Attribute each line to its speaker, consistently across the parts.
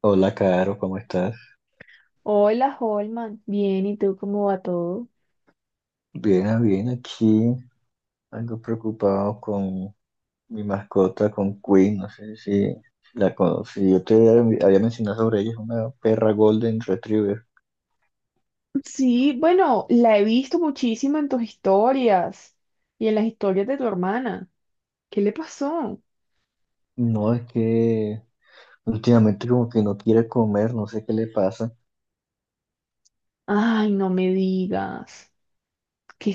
Speaker 1: Hola, Caro, ¿cómo estás?
Speaker 2: Hola, Holman. Bien, ¿y tú cómo va todo?
Speaker 1: Bien, bien, aquí algo preocupado con mi mascota, con Queen, no sé si la conocí. Yo te había mencionado sobre ella, es una perra Golden Retriever.
Speaker 2: Sí, bueno, la he visto muchísimo en tus historias y en las historias de tu hermana. ¿Qué le pasó?
Speaker 1: No, es que últimamente como que no quiere comer, no sé qué le pasa.
Speaker 2: Ay, no me digas. ¿Qué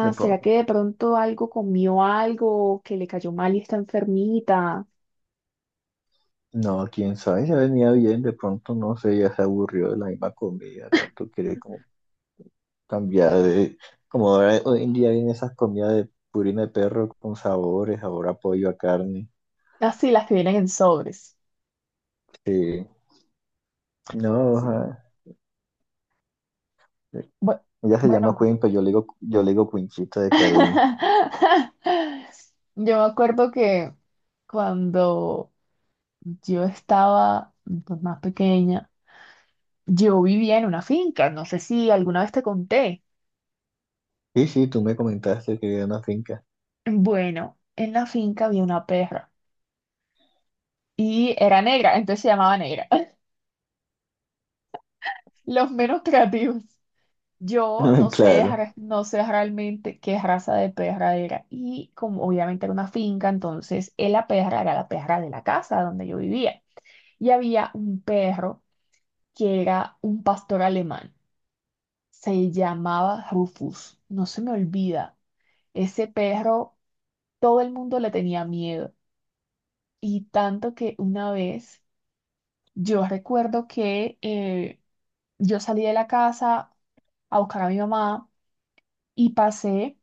Speaker 1: De
Speaker 2: ¿Será
Speaker 1: pronto,
Speaker 2: que de pronto algo comió algo que le cayó mal y está enfermita?
Speaker 1: no, quién sabe, ya venía bien, de pronto, no sé, ya se aburrió de la misma comida, de pronto quiere como cambiar de... Como ahora, hoy en día vienen esas comidas de purina de perro con sabores, sabor a pollo, a carne.
Speaker 2: Ah, sí, las que vienen en sobres.
Speaker 1: Sí, no,
Speaker 2: Sí.
Speaker 1: ajá.
Speaker 2: Bu-
Speaker 1: Ella se llama
Speaker 2: Bueno,
Speaker 1: Queen, pero yo le digo Quinchita de cariño.
Speaker 2: yo me acuerdo que cuando yo estaba, pues, más pequeña, yo vivía en una finca, no sé si alguna vez te conté.
Speaker 1: Sí, sí, tú me comentaste que era una finca.
Speaker 2: Bueno, en la finca había una perra y era negra, entonces se llamaba Negra. Los menos creativos. Yo no sé,
Speaker 1: Claro,
Speaker 2: no sé realmente qué raza de perra era. Y como obviamente era una finca, entonces la perra era la perra de la casa donde yo vivía. Y había un perro que era un pastor alemán. Se llamaba Rufus. No se me olvida. Ese perro, todo el mundo le tenía miedo. Y tanto que una vez yo recuerdo que yo salí de la casa a buscar a mi mamá y pasé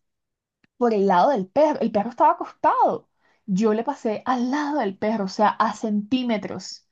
Speaker 2: por el lado del perro. El perro estaba acostado. Yo le pasé al lado del perro, o sea, a centímetros.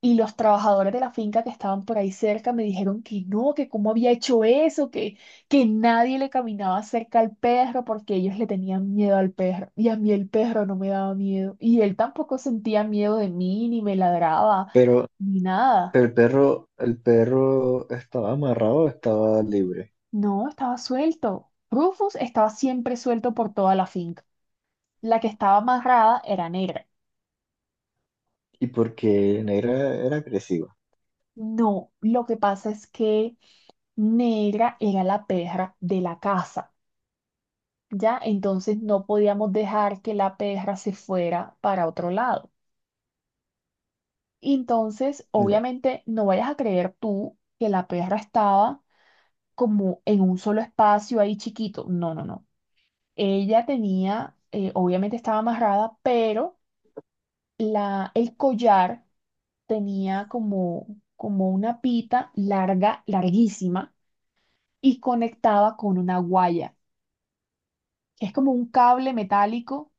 Speaker 2: Y los trabajadores de la finca que estaban por ahí cerca me dijeron que no, que cómo había hecho eso, que nadie le caminaba cerca al perro porque ellos le tenían miedo al perro. Y a mí el perro no me daba miedo. Y él tampoco sentía miedo de mí, ni me ladraba,
Speaker 1: pero,
Speaker 2: ni nada.
Speaker 1: pero el perro estaba amarrado o estaba libre.
Speaker 2: No, estaba suelto. Rufus estaba siempre suelto por toda la finca. La que estaba amarrada era Negra.
Speaker 1: ¿Y porque Negra era agresiva?
Speaker 2: No, lo que pasa es que Negra era la perra de la casa, ya, entonces no podíamos dejar que la perra se fuera para otro lado. Entonces,
Speaker 1: Ya.
Speaker 2: obviamente, no vayas a creer tú que la perra estaba como en un solo espacio ahí chiquito. No, no, no. Ella tenía, obviamente estaba amarrada, pero el collar tenía como, como una pita larga, larguísima, y conectaba con una guaya, que es como un cable metálico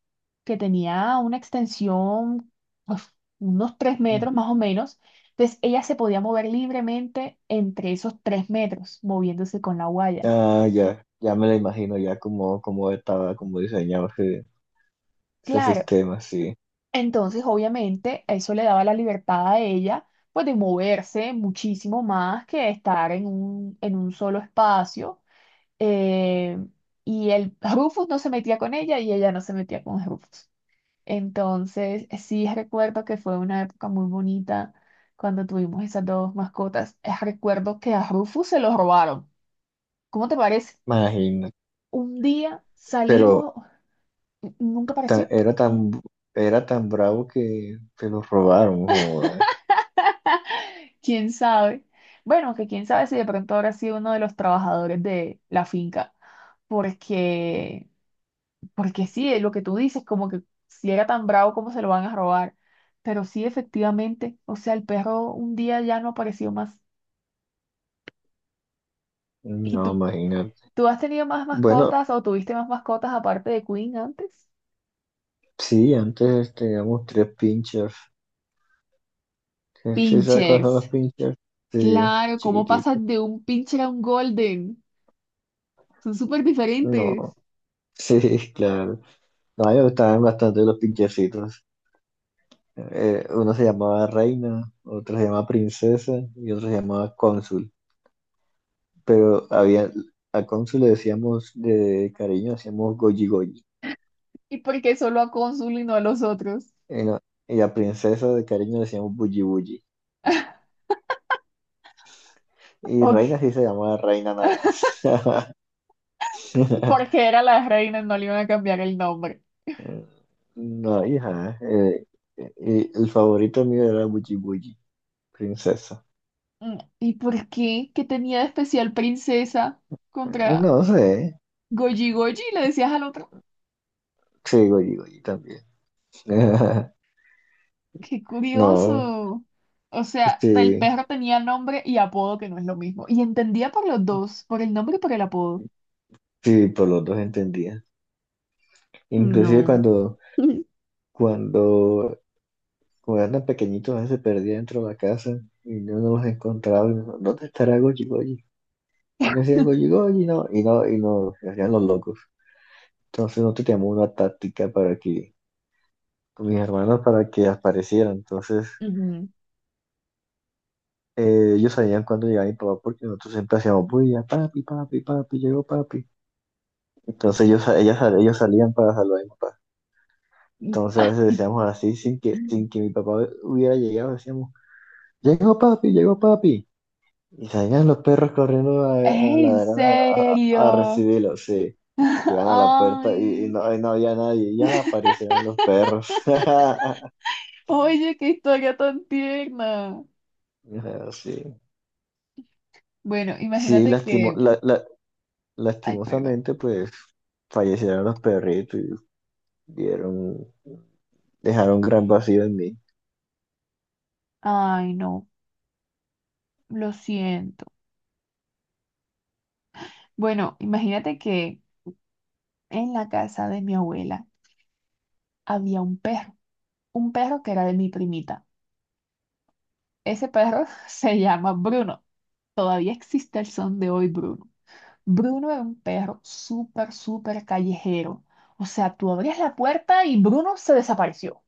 Speaker 2: que tenía una extensión, uf, unos 3 metros más o menos. Entonces ella se podía mover libremente entre esos 3 metros, moviéndose con la guaya.
Speaker 1: Ah, ya, ya me lo imagino ya como, como estaba, como diseñado ese
Speaker 2: Claro,
Speaker 1: sistema, sí.
Speaker 2: entonces obviamente eso le daba la libertad a ella, pues de moverse muchísimo más que estar en un solo espacio. Eh, y el Rufus no se metía con ella y ella no se metía con Rufus. Entonces, sí recuerdo que fue una época muy bonita cuando tuvimos esas dos mascotas. Recuerdo que a Rufus se lo robaron. ¿Cómo te parece?
Speaker 1: Imagino.
Speaker 2: Un día
Speaker 1: Pero
Speaker 2: salimos, nunca apareció.
Speaker 1: era tan, era tan bravo que se lo robaron, joder.
Speaker 2: ¿Quién sabe? Bueno, que quién sabe si de pronto habrá sido uno de los trabajadores de la finca. Porque, porque sí, lo que tú dices, como que si era tan bravo, ¿cómo se lo van a robar? Pero sí, efectivamente, o sea, el perro un día ya no apareció más. ¿Y
Speaker 1: No,
Speaker 2: tú?
Speaker 1: imagínate.
Speaker 2: ¿Tú has tenido más
Speaker 1: Bueno,
Speaker 2: mascotas o tuviste más mascotas aparte de Queen antes?
Speaker 1: sí, antes teníamos tres pinchers. ¿Sí sabes cuáles son
Speaker 2: Pinchers.
Speaker 1: los pinchers? Sí, los
Speaker 2: Claro, ¿cómo pasas
Speaker 1: chiquiticos.
Speaker 2: de un pincher a un golden? Son súper
Speaker 1: No,
Speaker 2: diferentes.
Speaker 1: sí, claro. No, a mí me gustaban bastante los pinchercitos. Uno se llamaba Reina, otro se llamaba Princesa y otro se llamaba Cónsul. Pero había, a Cónsul le decíamos de cariño, decíamos Goji Goji.
Speaker 2: ¿Y por qué solo a Cónsul y no a los otros?
Speaker 1: Y, no- Y a Princesa de cariño le decíamos Bulli Bulli. Y
Speaker 2: Ok.
Speaker 1: Reina sí se llamaba Reina nada más.
Speaker 2: Porque era la reina, no le iban a cambiar el nombre.
Speaker 1: Eh, No, hija, el favorito mío era Buji Buji, princesa.
Speaker 2: Mm, ¿y por qué? ¿Qué tenía de especial princesa contra
Speaker 1: No sé,
Speaker 2: Goji Goji? ¿Le decías al otro?
Speaker 1: sí, Goyi Goyi también.
Speaker 2: Qué
Speaker 1: No,
Speaker 2: curioso. O sea, el
Speaker 1: sí,
Speaker 2: perro tenía nombre y apodo, que no es lo mismo. Y entendía por los dos, por el nombre y por el apodo.
Speaker 1: sí, por los dos entendía. Inclusive
Speaker 2: No.
Speaker 1: cuando, cuando eran pequeñitos, a veces se perdía dentro de la casa y no nos encontraba. Y no, ¿dónde estará Goyi Goyi? Yo le decía Goyi Goyi, no, y no, se hacían los locos. Entonces nosotros teníamos una táctica para que, con mis hermanos, para que aparecieran. Entonces
Speaker 2: Ujú.
Speaker 1: ellos sabían cuándo llegaba mi papá porque nosotros siempre hacíamos bulla, papi, papi, papi, llegó papi. Entonces ellos salían para saludar a mi papá.
Speaker 2: Y,
Speaker 1: Entonces a
Speaker 2: ¿ah?
Speaker 1: veces decíamos así, sin que mi papá hubiera llegado, decíamos, llegó papi, llegó papi. Y salían los perros corriendo a
Speaker 2: ¿En
Speaker 1: ladrar a
Speaker 2: serio?
Speaker 1: recibirlo, sí. Y llegan a la puerta y
Speaker 2: Ay.
Speaker 1: no, había nadie, ya aparecieron los perros. Ajá,
Speaker 2: Oye, qué historia tan tierna.
Speaker 1: sí,
Speaker 2: Bueno,
Speaker 1: sí,
Speaker 2: imagínate que… Ay, perdón.
Speaker 1: lastimosamente, pues fallecieron los perritos. Dieron, Dejaron gran vacío en mí.
Speaker 2: Ay, no, lo siento. Bueno, imagínate que en la casa de mi abuela había un perro, un perro que era de mi primita. Ese perro se llama Bruno. Todavía existe el son de hoy, Bruno. Bruno era un perro súper, súper callejero. O sea, tú abrías la puerta y Bruno se desapareció. O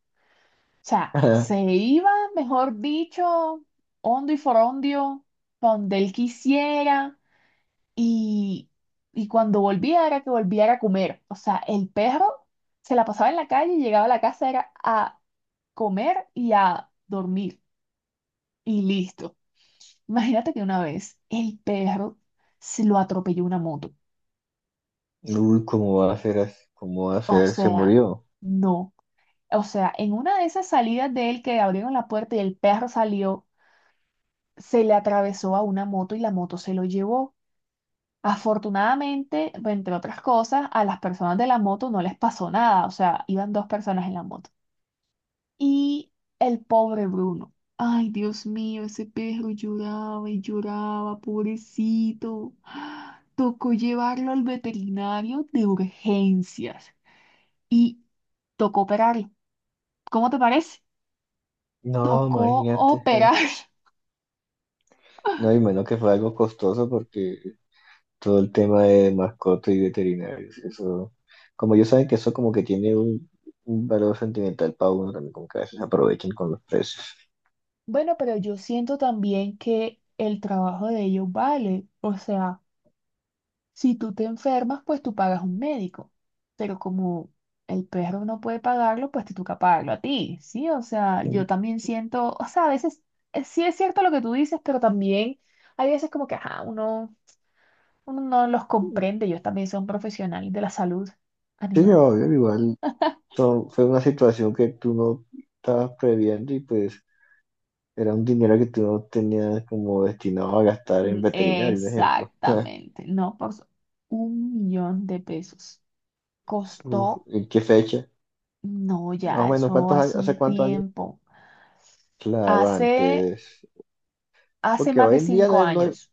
Speaker 2: sea, se iba, mejor dicho, hondo y forondio, pa' donde él quisiera. Y, y cuando volviera, era que volviera a comer. O sea, el perro se la pasaba en la calle y llegaba a la casa, era a comer y a dormir. Y listo. Imagínate que una vez el perro se lo atropelló una moto.
Speaker 1: Uy, ¿cómo va a ser así? ¿Cómo va a
Speaker 2: O
Speaker 1: ser? Se
Speaker 2: sea,
Speaker 1: murió.
Speaker 2: no. O sea, en una de esas salidas de él que abrieron la puerta y el perro salió, se le atravesó a una moto y la moto se lo llevó. Afortunadamente, entre otras cosas, a las personas de la moto no les pasó nada. O sea, iban dos personas en la moto. Y el pobre Bruno. Ay, Dios mío, ese perro lloraba y lloraba, pobrecito. Tocó llevarlo al veterinario de urgencias y tocó operarlo. ¿Cómo te parece?
Speaker 1: No,
Speaker 2: Tocó
Speaker 1: imagínate. Ah.
Speaker 2: operar.
Speaker 1: No, y menos que fue algo costoso porque todo el tema de mascotas y veterinarios, eso, como ellos saben que eso como que tiene un valor sentimental para uno también, como que a veces aprovechan con los precios.
Speaker 2: Bueno, pero yo siento también que el trabajo de ellos vale. O sea, si tú te enfermas, pues tú pagas un médico, pero como el perro no puede pagarlo, pues te toca pagarlo a ti, ¿sí? O sea, yo también siento, o sea, a veces sí es cierto lo que tú dices, pero también hay veces como que, ajá, uno no los
Speaker 1: Sí,
Speaker 2: comprende, ellos también son profesionales de la salud animal.
Speaker 1: obvio, igual fue una situación que tú no estabas previendo y pues era un dinero que tú no tenías como destinado a gastar en
Speaker 2: Mm,
Speaker 1: veterinario, por ejemplo.
Speaker 2: exactamente, no, 1 millón de pesos.
Speaker 1: Uf,
Speaker 2: Costó,
Speaker 1: ¿en qué fecha?
Speaker 2: no,
Speaker 1: Más o
Speaker 2: ya,
Speaker 1: menos,
Speaker 2: eso
Speaker 1: ¿cuántos años?
Speaker 2: hace
Speaker 1: ¿Hace
Speaker 2: un
Speaker 1: cuántos años?
Speaker 2: tiempo,
Speaker 1: Claro,
Speaker 2: hace,
Speaker 1: antes.
Speaker 2: hace
Speaker 1: Porque
Speaker 2: más de
Speaker 1: hoy en día
Speaker 2: cinco
Speaker 1: no es-
Speaker 2: años.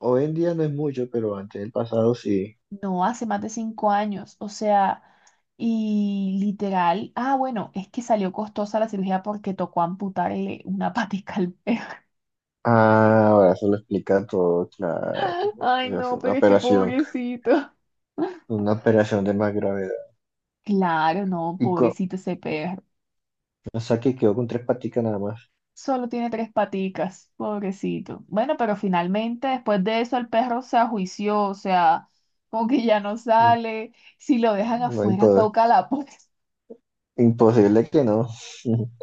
Speaker 1: hoy en día no es mucho, pero antes del pasado sí.
Speaker 2: No, hace más de cinco años, o sea, y literal, ah, bueno, es que salió costosa la cirugía porque tocó amputarle una patica al perro.
Speaker 1: Ah, ahora eso lo explica todo, claro. Bueno, que
Speaker 2: Ay,
Speaker 1: se hace
Speaker 2: no, pero es que pobrecito.
Speaker 1: una operación de más gravedad.
Speaker 2: Claro, no,
Speaker 1: Y con,
Speaker 2: pobrecito ese perro.
Speaker 1: o sea que quedó con tres paticas nada más.
Speaker 2: Solo tiene tres paticas, pobrecito. Bueno, pero finalmente después de eso el perro se ajuició, o sea, como que ya no
Speaker 1: Mm,
Speaker 2: sale. Si lo dejan
Speaker 1: No
Speaker 2: afuera,
Speaker 1: impo-
Speaker 2: toca la puerta.
Speaker 1: imposible que no.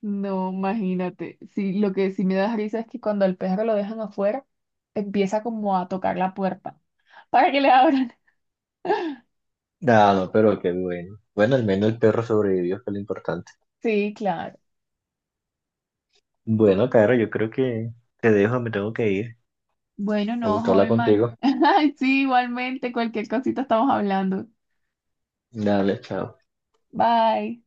Speaker 2: No, imagínate. Sí, lo que sí me da risa es que cuando el perro lo dejan afuera, empieza como a tocar la puerta para que le abran.
Speaker 1: No, no, pero qué bueno. Bueno, al menos el perro sobrevivió, que es lo importante.
Speaker 2: Sí, claro.
Speaker 1: Bueno, Caro, yo creo que te dejo, me tengo que ir.
Speaker 2: Bueno,
Speaker 1: Me
Speaker 2: no,
Speaker 1: gustó hablar
Speaker 2: Holman.
Speaker 1: contigo.
Speaker 2: Sí, igualmente, cualquier cosita estamos hablando.
Speaker 1: Dale, chao.
Speaker 2: Bye.